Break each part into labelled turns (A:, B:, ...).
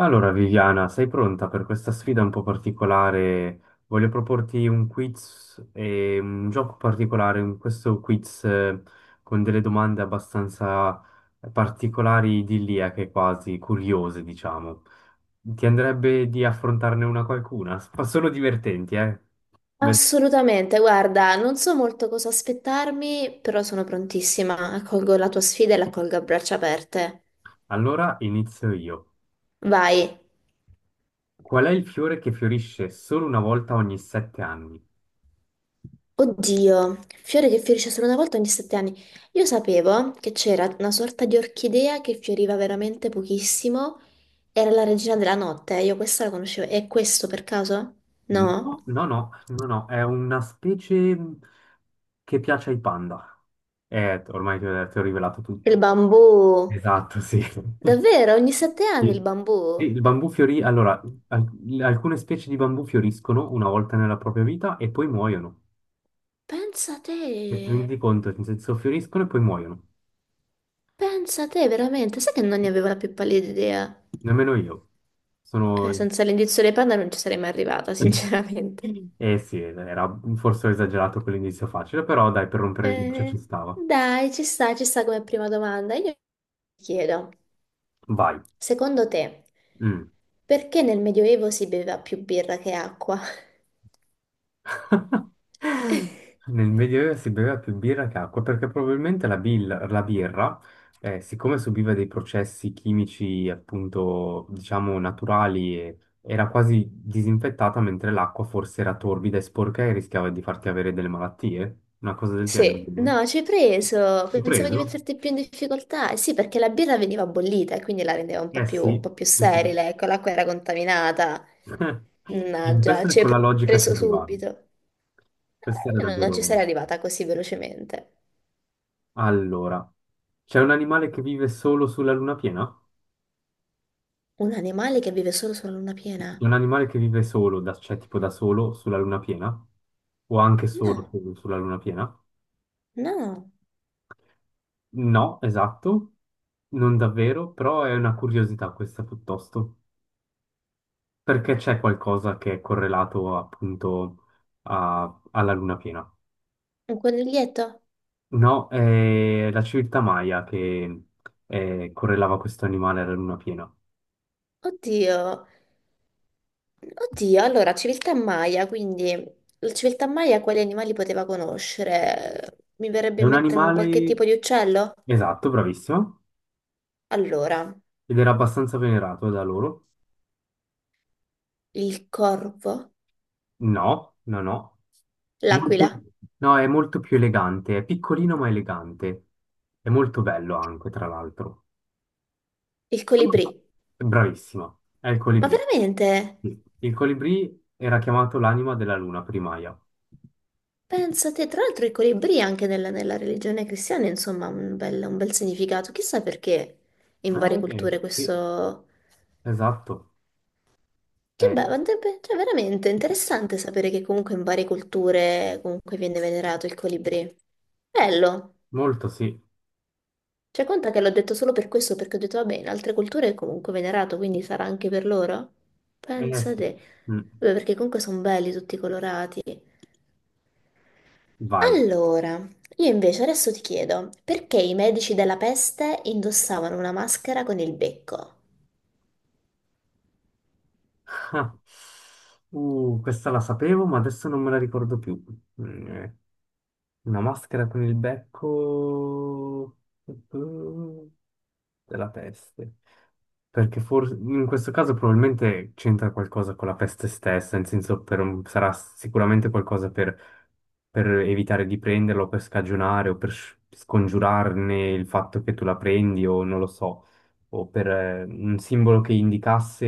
A: Allora, Viviana, sei pronta per questa sfida un po' particolare? Voglio proporti un quiz e un gioco particolare, questo quiz con delle domande abbastanza particolari, idilliache quasi, curiose, diciamo. Ti andrebbe di affrontarne una qualcuna? Ma sono divertenti, eh? Ve-
B: Assolutamente, guarda, non so molto cosa aspettarmi, però sono prontissima. Accolgo la tua sfida e l'accolgo a braccia aperte.
A: Allora inizio io.
B: Vai.
A: Qual è il fiore che fiorisce solo una volta ogni 7 anni?
B: Oddio, fiore che fiorisce solo una volta ogni 7 anni. Io sapevo che c'era una sorta di orchidea che fioriva veramente pochissimo. Era la regina della notte, io questa la conoscevo. È questo per caso? No?
A: No, no, no, no, no, è una specie che piace ai panda. Ormai ti ho rivelato
B: Il
A: tutto.
B: bambù.
A: Esatto, sì.
B: Davvero, ogni 7 anni il
A: Sì, sì,
B: bambù?
A: il bambù fiorì, allora, al- alcune specie di bambù fioriscono una volta nella propria vita e poi muoiono.
B: Pensa a te.
A: E ti rendi conto, nel senso, fioriscono e poi muoiono.
B: Pensa te, veramente, sai che non ne avevo la più pallida idea?
A: Nemmeno io. Sono...
B: Senza l'indizio dei panda non ci sarei mai arrivata, sinceramente.
A: Eh sì, era forse ho esagerato con l'inizio facile, però dai, per rompere il ghiaccio ci
B: Eh,
A: stava.
B: dai, ci sta come prima domanda. Io ti chiedo,
A: Vai.
B: secondo te,
A: Mm.
B: perché nel Medioevo si beveva più birra che acqua?
A: Nel Medioevo si beveva più birra che acqua perché probabilmente la birra, siccome subiva dei processi chimici appunto diciamo naturali, era quasi disinfettata mentre l'acqua forse era torbida e sporca e rischiava di farti avere delle malattie, una cosa del genere.
B: Sì, no, ci hai preso,
A: Ho
B: pensavo di
A: preso?
B: metterti più in difficoltà. Eh sì, perché la birra veniva bollita e quindi la rendeva un po'
A: Eh
B: più, un
A: sì,
B: po' più sterile, ecco, l'acqua era contaminata.
A: in
B: Mannaggia,
A: questa
B: ci hai
A: con la logica ci
B: preso
A: arrivavi.
B: subito. Eh,
A: Questa era
B: Io non ci sarei
A: davvero...
B: arrivata così velocemente.
A: Allora, c'è un animale che vive solo sulla luna piena?
B: Un animale che vive solo sulla luna piena?
A: Un animale che vive solo, cioè tipo da solo sulla luna piena? O anche solo
B: No,
A: sulla luna piena?
B: no.
A: No, esatto, non davvero, però è una curiosità questa piuttosto, perché c'è qualcosa che è correlato appunto alla luna piena.
B: Un coniglietto?
A: No, è la civiltà Maya che correlava questo animale alla luna piena.
B: Oddio, oddio. Allora, civiltà Maya, quindi la civiltà Maya quali animali poteva conoscere? Mi
A: È
B: verrebbe in
A: un
B: mente un qualche
A: animale,
B: tipo di uccello?
A: esatto, bravissimo,
B: Allora,
A: ed era abbastanza venerato da loro.
B: il corvo,
A: No, no, no. Molto-
B: l'aquila,
A: no, è molto più elegante, è piccolino ma elegante, è molto bello anche, tra l'altro.
B: il colibrì.
A: Bravissima, è il
B: Ma
A: colibrì.
B: veramente?
A: Sì. Il colibrì era chiamato l'anima della luna primaia.
B: Pensate, tra l'altro i colibrì anche nella religione cristiana, insomma, un bel significato. Chissà perché in varie culture
A: Sì,
B: questo...
A: esatto.
B: Che
A: Eh,
B: bello, andrebbe- cioè veramente interessante sapere che comunque in varie culture comunque viene venerato il colibrì. Bello!
A: molto sì.
B: Cioè, conta che l'ho detto solo per questo, perché ho detto, vabbè, in altre culture è comunque venerato, quindi sarà anche per loro?
A: Sì.
B: Pensate.
A: Mm.
B: Vabbè, perché comunque sono belli tutti colorati.
A: Vai.
B: Allora, io invece adesso ti chiedo, perché i medici della peste indossavano una maschera con il becco?
A: Ah. Questa la sapevo, ma adesso non me la ricordo più. Mm, eh. Una maschera con il becco eh, della peste. Perché forse in questo caso probabilmente c'entra qualcosa con la peste stessa, nel senso sarà sicuramente qualcosa per evitare di prenderlo, per scagionare o scongiurarne il fatto che tu la prendi o non lo so, o per un simbolo che indicasse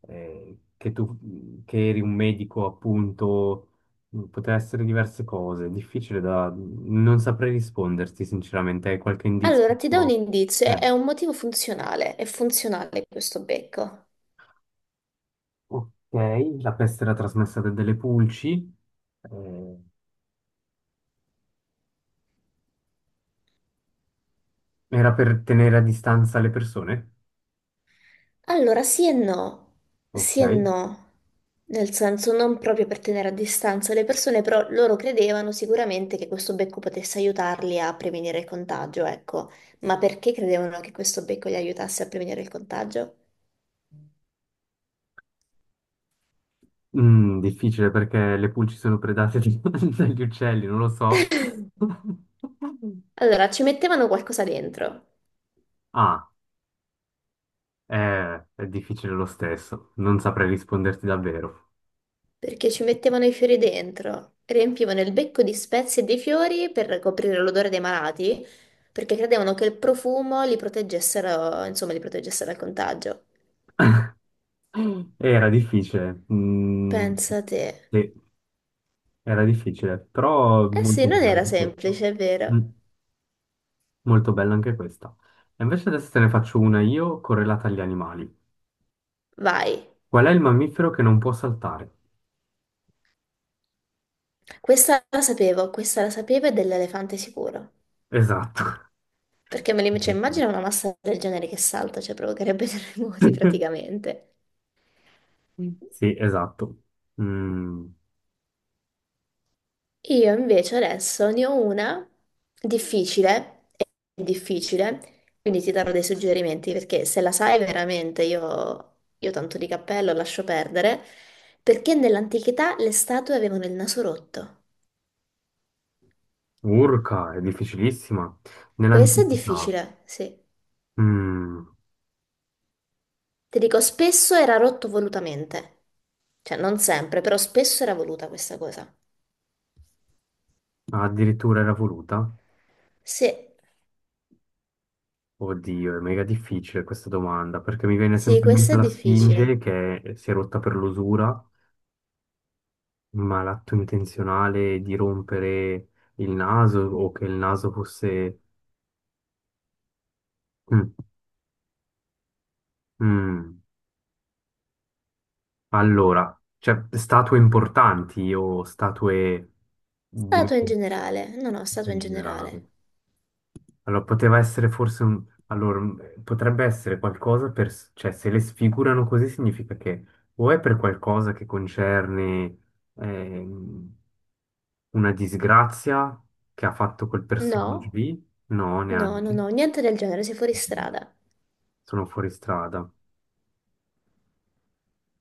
A: che tu che eri un medico, appunto, poteva essere diverse cose, difficile da... non saprei risponderti sinceramente, hai qualche indizio?
B: Allora, ti do un indizio,
A: Eh.
B: è un motivo funzionale, è funzionale questo becco.
A: Ok, la peste era trasmessa da delle pulci. eh, Era per tenere a distanza le persone.
B: Allora,
A: Ok.
B: sì e no, nel senso non proprio per tenere a distanza le persone, però loro credevano sicuramente che questo becco potesse aiutarli a prevenire il contagio, ecco. Ma perché credevano che questo becco li aiutasse a prevenire il contagio?
A: Difficile perché le pulci sono predate dagli uccelli, non lo so.
B: Allora, ci mettevano qualcosa dentro.
A: Ah, è difficile lo stesso. Non saprei risponderti davvero.
B: Perché ci mettevano i fiori dentro, riempivano il becco di spezie e di fiori per coprire l'odore dei malati, perché credevano che il profumo li proteggessero, insomma, li protegesse dal contagio.
A: Era difficile.
B: Pensa te.
A: Sì, era difficile, però
B: Eh sì,
A: molto
B: non era
A: bello.
B: semplice, è vero.
A: Molto bella anche questa. E invece adesso te ne faccio una io correlata agli animali.
B: Vai.
A: Qual è il mammifero che non può saltare?
B: Questa la sapevo e dell'elefante sicuro.
A: Esatto.
B: Perché me li cioè, immagino una massa del genere che salta, cioè provocherebbe terremoti praticamente.
A: Mm. Sì, esatto. Mm,
B: Io invece adesso ne ho una difficile, è difficile, quindi ti darò dei suggerimenti perché se la sai veramente io tanto di cappello lascio perdere, perché nell'antichità le statue avevano il naso rotto.
A: Urca, è difficilissima.
B: Questo è
A: Nell'antichità,
B: difficile, sì.
A: mm,
B: Ti dico, spesso era rotto volutamente, cioè non sempre, però spesso era voluta questa cosa.
A: addirittura era voluta?
B: Sì,
A: Oddio, è mega difficile questa domanda, perché mi viene
B: sì,
A: sempre in
B: questo
A: mente
B: è
A: la Sfinge
B: difficile.
A: che si è rotta per l'usura, ma l'atto intenzionale di rompere il naso o che il naso fosse... Mm. Mm, allora, cioè statue importanti o statue di in
B: Statua in generale, no, no, statua in
A: generale?
B: generale.
A: Allora, poteva essere forse un... Allora, potrebbe essere qualcosa per... Cioè, se le sfigurano così significa che o è per qualcosa che concerne ehm, una disgrazia che ha fatto quel personaggio
B: No?
A: lì? No,
B: No, no,
A: neanche.
B: no, niente del genere, sei fuori
A: Mm.
B: strada.
A: Sono fuori strada.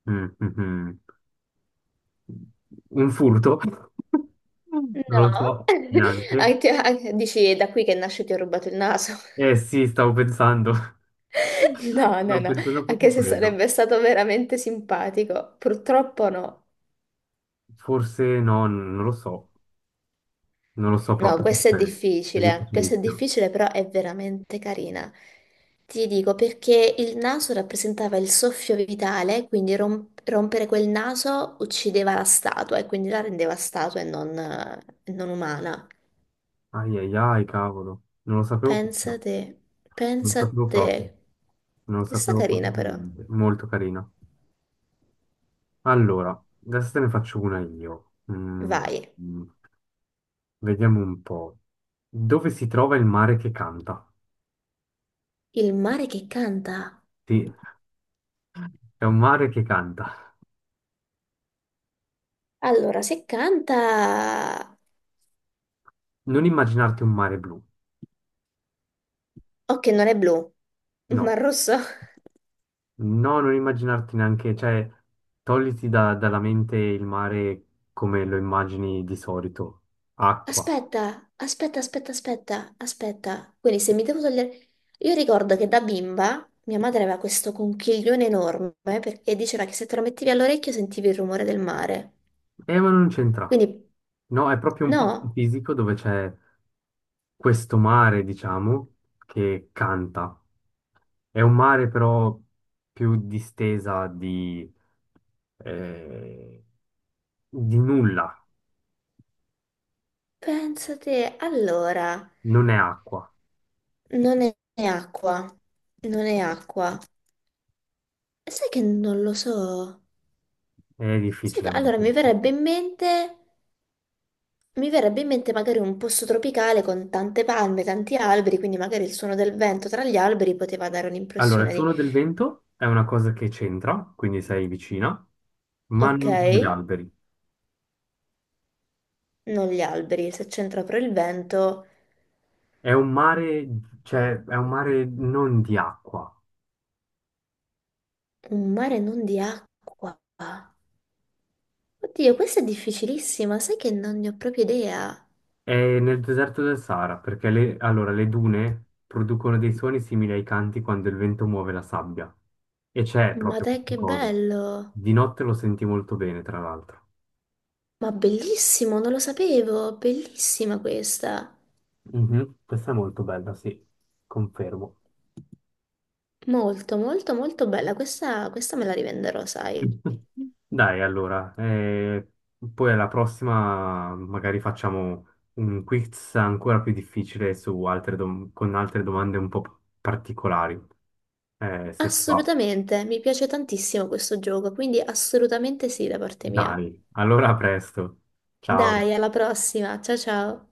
A: Mm, mm, mm. Un furto? Non lo
B: No?
A: so neanche.
B: Ah, ti- ah, dici, è da qui che nasce ti ho rubato il naso.
A: Eh sì, stavo pensando.
B: No, no,
A: Stavo
B: no,
A: pensando proprio
B: anche
A: a
B: se
A: quello.
B: sarebbe stato veramente simpatico, purtroppo no.
A: Forse no, non lo so. Non lo so
B: No,
A: proprio. Aspetta, è
B: questa è
A: difficilissimo.
B: difficile, però è veramente carina. Ti dico perché il naso rappresentava il soffio vitale, quindi rompere quel naso uccideva la statua e quindi la rendeva statua e non, non umana.
A: Ai ai ai, cavolo. Non lo sapevo
B: Pensa
A: proprio.
B: te,
A: Non lo
B: pensa
A: sapevo proprio.
B: te.
A: Non lo
B: Questa è
A: sapevo proprio
B: carina
A: per
B: però.
A: niente. Molto carina. Allora, adesso te ne faccio una io.
B: Vai.
A: Mm, Vediamo un po'. Dove si trova il mare che canta?
B: Il mare che canta.
A: Sì, è un mare che canta.
B: Allora, se canta...
A: Non immaginarti un mare blu.
B: Ok, non è blu, ma
A: No,
B: rosso.
A: no, non immaginarti neanche, cioè, togliti dalla mente il mare come lo immagini di solito. Acqua.
B: Aspetta, aspetta, aspetta, aspetta, aspetta. Quindi se mi devo togliere... Io ricordo che da bimba mia madre aveva questo conchiglione enorme perché diceva che se te lo mettevi all'orecchio sentivi il rumore del mare.
A: Ma non c'entra.
B: Quindi,
A: No, è proprio un posto
B: no,
A: fisico dove c'è questo mare, diciamo, che canta. È un mare però più distesa eh, di nulla.
B: pensa te. Allora...
A: Non è acqua.
B: Non è è acqua, non è acqua. Sai che non lo so.
A: È
B: Sai che...
A: difficile.
B: Allora
A: Molto
B: mi verrebbe
A: difficile.
B: in mente, mi verrebbe in mente magari un posto tropicale con tante palme, tanti alberi, quindi magari il suono del vento tra gli alberi poteva dare
A: Allora, il
B: un'impressione di,
A: suono del vento è una cosa che c'entra, quindi sei vicina, ma
B: ok,
A: non gli alberi.
B: non gli alberi, se c'entra però il vento,
A: È un mare, cioè, è un mare non di acqua.
B: un mare non di acqua. Oddio, questa è difficilissima, sai che non ne ho proprio idea.
A: È nel deserto del Sahara, perché le, allora, le dune producono dei suoni simili ai canti quando il vento muove la sabbia. E c'è
B: Ma
A: proprio
B: dai,
A: questa
B: che
A: cosa.
B: bello!
A: Di notte lo senti molto bene, tra l'altro.
B: Ma bellissimo, non lo sapevo, bellissima questa.
A: Mhm. Questa è molto bella, sì, confermo.
B: Molto, molto, molto bella. Questa me la rivenderò, sai.
A: Dai, allora, poi alla prossima magari facciamo un quiz ancora più difficile su altre con altre domande un po' particolari. Se ti va.
B: Assolutamente, mi piace tantissimo questo gioco, quindi assolutamente sì da parte mia.
A: Dai, allora a presto. Ciao.
B: Dai, alla prossima. Ciao ciao.